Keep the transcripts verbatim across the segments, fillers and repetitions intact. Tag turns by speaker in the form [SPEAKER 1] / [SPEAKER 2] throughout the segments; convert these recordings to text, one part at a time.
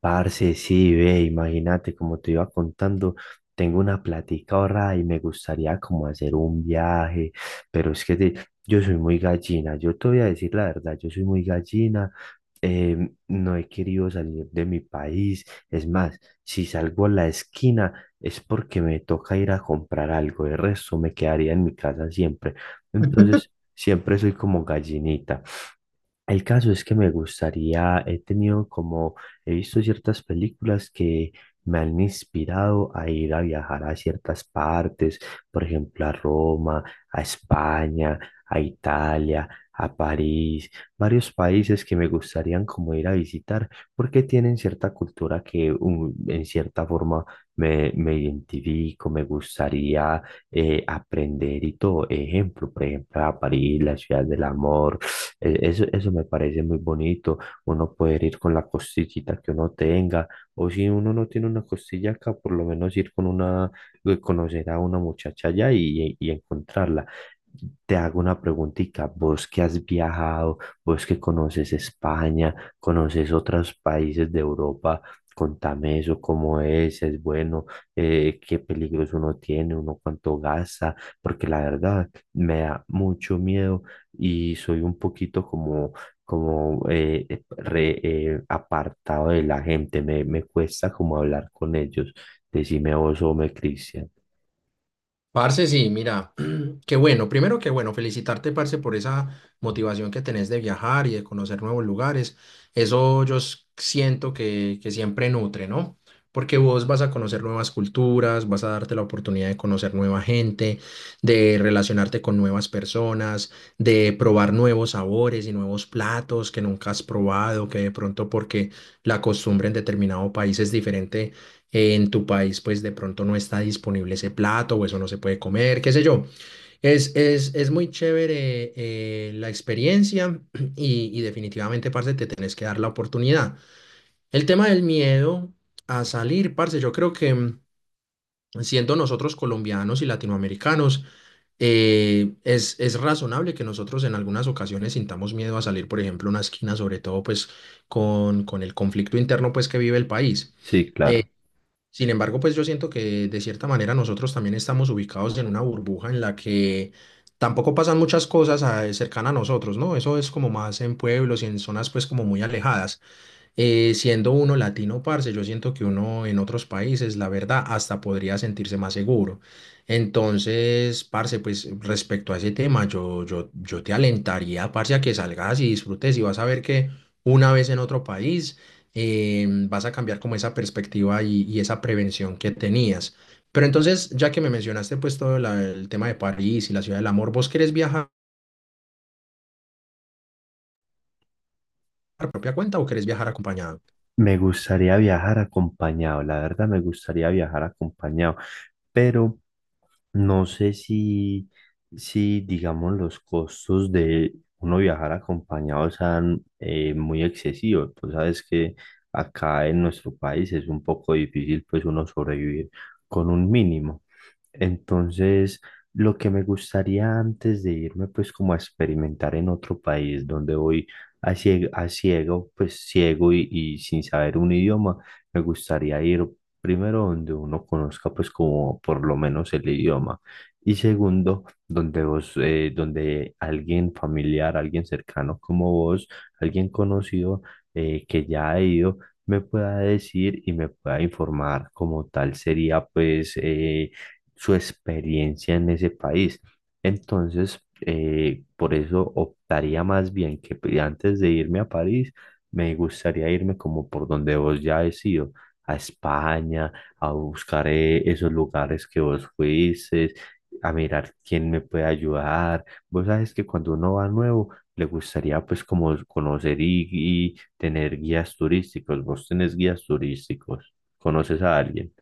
[SPEAKER 1] Parce, sí, ve, imagínate, como te iba contando, tengo una platica ahorrada y me gustaría como hacer un viaje, pero es que te- yo soy muy gallina, yo te voy a decir la verdad, yo soy muy gallina, em, no he querido salir de mi país, es más, si salgo a la esquina es porque me toca ir a comprar algo, el resto me quedaría en mi casa siempre, entonces siempre soy como gallinita. El caso es que me gustaría, he tenido como, he visto ciertas películas que me han inspirado a ir a viajar a ciertas partes, por ejemplo, a Roma, a España, a Italia, a París, varios países que me gustarían como ir a visitar porque tienen cierta cultura que um, en cierta forma me, me identifico, me gustaría eh, aprender y todo. Ejemplo, por ejemplo, a París, la ciudad del amor. Eh, Eso, eso me parece muy bonito, uno poder ir con la costillita que uno tenga, o si uno no tiene una costilla acá, por lo menos ir con una, eh, conocer a una muchacha allá y, y encontrarla. Te hago una preguntita, vos que has viajado, vos que conoces España, conoces otros países de Europa, contame eso, cómo es, es bueno, eh, qué peligros uno tiene, uno cuánto gasta, porque la verdad me da mucho miedo y soy un poquito como, como eh, eh, re- eh, apartado de la gente, me, me cuesta como hablar con ellos. Decime vos o me Cristian.
[SPEAKER 2] Parce, sí, mira, qué bueno. Primero, qué bueno, felicitarte, parce, por esa motivación que tenés de viajar y de conocer nuevos lugares. Eso yo s- siento que, que siempre nutre, ¿no? Porque vos vas a conocer nuevas culturas, vas a darte la oportunidad de conocer nueva gente, de relacionarte con nuevas personas, de probar nuevos sabores y nuevos platos que nunca has probado, que de pronto porque la costumbre en determinado país es diferente eh, en tu país pues de pronto no está disponible ese plato o eso no se puede comer, qué sé yo. Es, es, es muy chévere eh, la experiencia y, y definitivamente, parce, te tenés que dar la oportunidad. El tema del miedo a salir, parce, yo creo que mm, siendo nosotros colombianos y latinoamericanos, eh, es, es razonable que nosotros en algunas ocasiones sintamos miedo a salir, por ejemplo, a una esquina, sobre todo pues con, con el conflicto interno pues que vive el país.
[SPEAKER 1] Sí, claro.
[SPEAKER 2] Sin embargo, pues yo siento que de cierta manera nosotros también estamos ubicados en una burbuja en la que tampoco pasan muchas cosas ah, cercanas a nosotros, ¿no? Eso es como más en pueblos y en zonas pues como muy alejadas. Eh, siendo uno latino, parce, yo siento que uno en otros países, la verdad, hasta podría sentirse más seguro. Entonces, parce, pues respecto a ese tema, yo, yo, yo te alentaría, parce, a que salgas y disfrutes y vas a ver que una vez en otro país eh, vas a cambiar como esa perspectiva y, y esa prevención que tenías. Pero entonces, ya que me mencionaste pues todo la- el tema de París y la ciudad del amor, ¿vos querés viajar por propia cuenta o querés viajar acompañado?
[SPEAKER 1] Me gustaría viajar acompañado, la verdad me gustaría viajar acompañado, pero no sé si, si digamos, los costos de uno viajar acompañado sean eh, muy excesivos. Tú sabes que acá en nuestro país es un poco difícil, pues, uno sobrevivir con un mínimo. Entonces, lo que me gustaría antes de irme, pues, como a experimentar en otro país donde voy a ciego, a ciego, pues, ciego y, y sin saber un idioma, me gustaría ir. Primero, donde uno conozca pues como por lo menos el idioma. Y segundo, donde vos, eh, donde alguien familiar, alguien cercano como vos, alguien conocido eh, que ya ha ido, me pueda decir y me pueda informar como tal sería pues eh, su experiencia en ese país. Entonces, eh, por eso optaría más bien que pues, antes de irme a París, me gustaría irme como por donde vos ya has ido a España, a buscar eh, esos lugares que vos fuiste, a mirar quién me puede ayudar. Vos sabes que cuando uno va nuevo, le gustaría pues como conocer y, y tener guías turísticos. Vos tenés guías turísticos, conoces a alguien.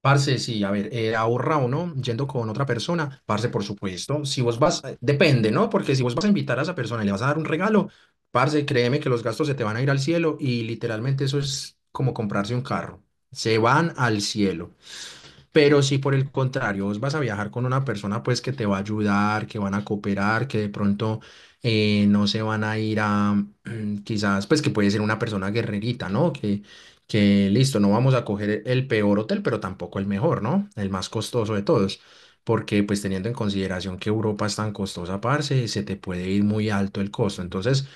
[SPEAKER 2] Parce, sí, a ver, eh, ahorra o no, yendo con otra persona, parce, por supuesto, si vos vas, eh, depende, ¿no? Porque si vos vas a invitar a esa persona y le vas a dar un regalo, parce, créeme que los gastos se te van a ir al cielo y literalmente eso es como comprarse un carro, se van al cielo. Pero si por el contrario vos vas a viajar con una persona pues que te va a ayudar, que van a cooperar, que de pronto eh, no se van a ir a quizás pues que puede ser una persona guerrerita, ¿no? Que, que listo, no vamos a coger el peor hotel, pero tampoco el mejor, ¿no? El más costoso de todos. Porque pues teniendo en consideración que Europa es tan costosa, parce, se te puede ir muy alto el costo. Entonces,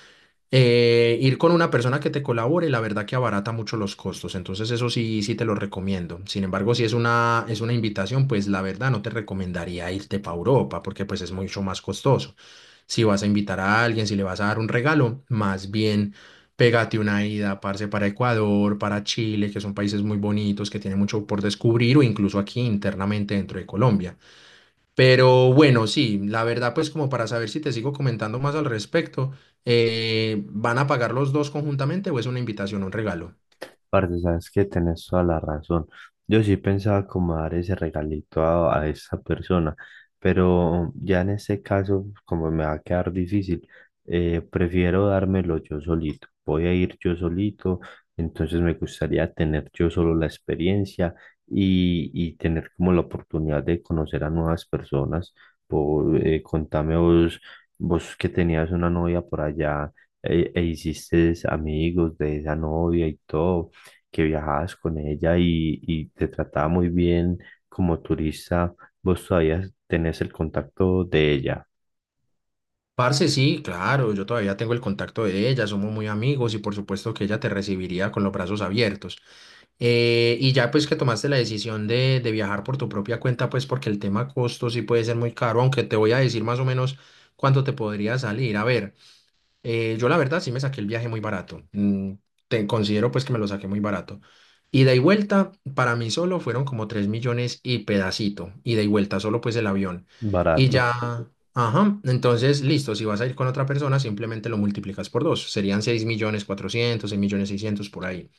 [SPEAKER 2] eh, ir con una persona que te colabore, la verdad que abarata mucho los costos, entonces eso sí, sí te lo recomiendo. Sin embargo, si es una, es una invitación, pues la verdad no te recomendaría irte para Europa porque pues es mucho más costoso. Si vas a invitar a alguien, si le vas a dar un regalo, más bien pégate una ida, parce, para Ecuador, para Chile, que son países muy bonitos, que tienen mucho por descubrir o incluso aquí internamente dentro de Colombia. Pero bueno, sí, la verdad, pues como para saber si te sigo comentando más al respecto, eh, ¿van a pagar los dos conjuntamente o es una invitación, un regalo?
[SPEAKER 1] Parce, sabes que tenés toda la razón. Yo sí pensaba como dar ese regalito a, a esa persona, pero ya en este caso, como me va a quedar difícil, eh, prefiero dármelo yo solito. Voy a ir yo solito, entonces me gustaría tener yo solo la experiencia y, y tener como la oportunidad de conocer a nuevas personas. Por, eh, contame vos, vos que tenías una novia por allá eh, e hiciste amigos de esa novia y todo que viajabas con ella y, y te trataba muy bien como turista, vos todavía tenés el contacto de ella.
[SPEAKER 2] Parce, sí, claro, yo todavía tengo el contacto de ella, somos muy amigos y por supuesto que ella te recibiría con los brazos abiertos. Eh, y ya pues que tomaste la decisión de, de viajar por tu propia cuenta, pues porque el tema costo sí puede ser muy caro, aunque te voy a decir más o menos cuánto te podría salir. A ver. Eh, yo la verdad sí me saqué el viaje muy barato. Mm, te considero pues que me lo saqué muy barato. Ida y vuelta para mí solo fueron como tres millones y pedacito. Ida y vuelta solo pues el avión. Y Mm.
[SPEAKER 1] Barato.
[SPEAKER 2] Ya, ajá, entonces listo, si vas a ir con otra persona simplemente lo multiplicas por dos. Serían seis millones cuatrocientos seis millones seiscientos por ahí.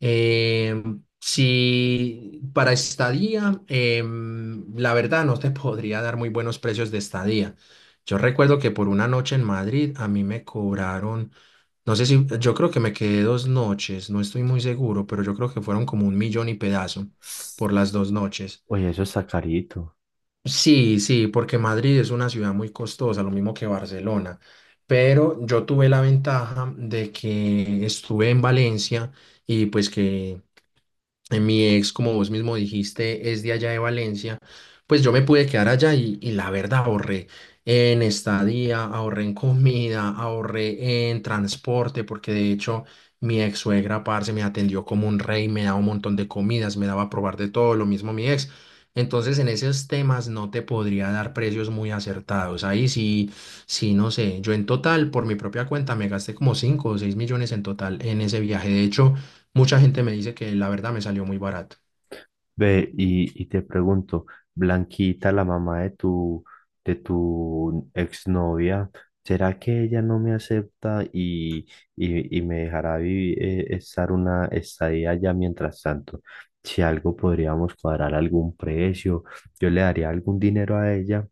[SPEAKER 2] Em, si para estadía, em, la verdad no te podría dar muy buenos precios de estadía. Yo recuerdo que por una noche en Madrid a mí me cobraron, no sé si, yo creo que me quedé dos noches, no estoy muy seguro, pero yo creo que fueron como un millón y pedazo por las dos noches.
[SPEAKER 1] Oye, eso está carito.
[SPEAKER 2] Sí, sí, porque Madrid es una ciudad muy costosa, lo mismo que Barcelona, pero yo tuve la ventaja de que estuve en Valencia y pues que eh, mi ex, como vos mismo dijiste, es de allá de Valencia. Pues yo me pude quedar allá y, y la verdad ahorré en estadía, ahorré en comida, ahorré en transporte, porque de hecho mi ex suegra, parce, me atendió como un rey, me daba un montón de comidas, me daba a probar de todo, lo mismo mi ex. Entonces en esos temas no te podría dar precios muy acertados. Ahí sí, sí, no sé. Yo en total, por mi propia cuenta, me gasté como cinco o seis millones en total en ese viaje. De hecho, mucha gente me dice que la verdad me salió muy barato.
[SPEAKER 1] Ve, y, y te pregunto, Blanquita, la mamá de tu, de tu exnovia, ¿será que ella no me acepta y, y, y me dejará vivir, eh, estar una estadía allá mientras tanto? Si algo podríamos cuadrar algún precio, yo le daría algún dinero a ella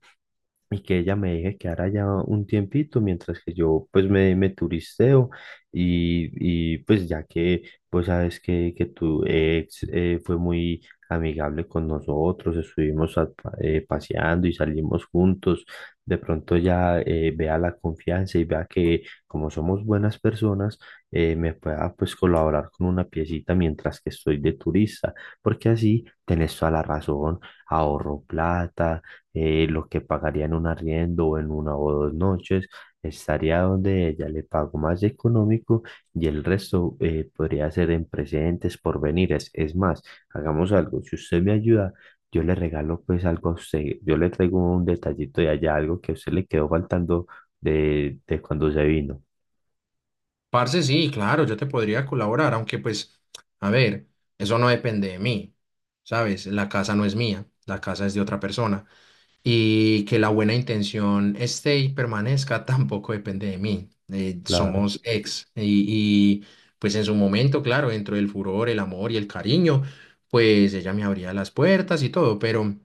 [SPEAKER 1] y que ella me deje quedar allá un tiempito mientras que yo pues me, me turisteo y, y, pues ya que pues sabes que, que tu ex eh, fue muy amigable con nosotros, estuvimos a- pa- eh, paseando y salimos juntos, de pronto ya eh, vea la confianza y vea que como somos buenas personas eh, me pueda pues colaborar con una piecita mientras que estoy de turista, porque así tenés toda la razón, ahorro plata eh, lo que pagaría en un arriendo o en una o dos noches, estaría donde ella le pago más económico y el resto eh, podría ser en presentes, porvenires. Es más, hagamos algo, si usted me ayuda, yo le regalo pues algo a usted, yo le traigo un detallito de allá, algo que a usted le quedó faltando de, de cuando se vino.
[SPEAKER 2] Parce, sí, claro, yo te podría colaborar, aunque pues, a ver, eso no depende de mí, ¿sabes? La casa no es mía, la casa es de otra persona. Y que la buena intención esté y permanezca tampoco depende de mí. Eh,
[SPEAKER 1] Claro,
[SPEAKER 2] somos ex. Y, y, pues en su momento, claro, dentro del furor, el amor y el cariño, pues ella me abría las puertas y todo, pero...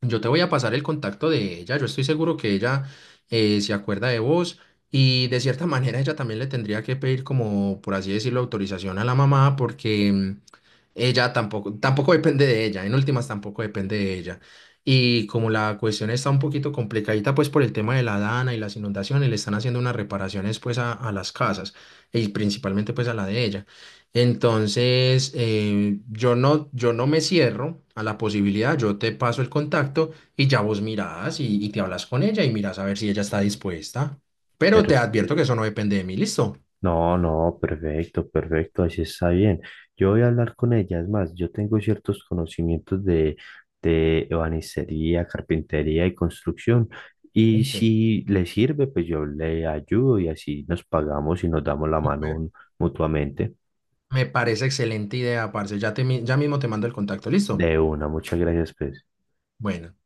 [SPEAKER 2] Yo te voy a pasar el contacto de ella. Yo estoy seguro que ella eh, se acuerda de vos y de cierta manera ella también le tendría que pedir como, por así decirlo, autorización a la mamá porque mm, ella tampoco, tampoco depende de ella. En últimas tampoco depende de ella. Y como la cuestión está un poquito complicadita pues por el tema de la dana y las inundaciones, le están haciendo unas reparaciones pues a a las casas y principalmente pues a la de ella. Entonces, eh, yo no, yo no me cierro a la posibilidad, yo te paso el contacto y ya vos mirás y, y te hablas con ella y mirás a ver si ella está dispuesta.
[SPEAKER 1] me
[SPEAKER 2] Pero te advierto que eso no depende de mí, listo.
[SPEAKER 1] no, no, perfecto, perfecto, así está bien. Yo voy a hablar con ella, es más, yo tengo ciertos conocimientos de, de ebanistería, carpintería y construcción, y
[SPEAKER 2] Excelente.
[SPEAKER 1] si le sirve, pues yo le ayudo y así nos pagamos y nos damos la mano
[SPEAKER 2] Súper.
[SPEAKER 1] un- mutuamente.
[SPEAKER 2] Me parece excelente idea, parce. Ya, te, mi- ya mismo te mando el contacto, listo.
[SPEAKER 1] De una, muchas gracias, pues.
[SPEAKER 2] Bueno.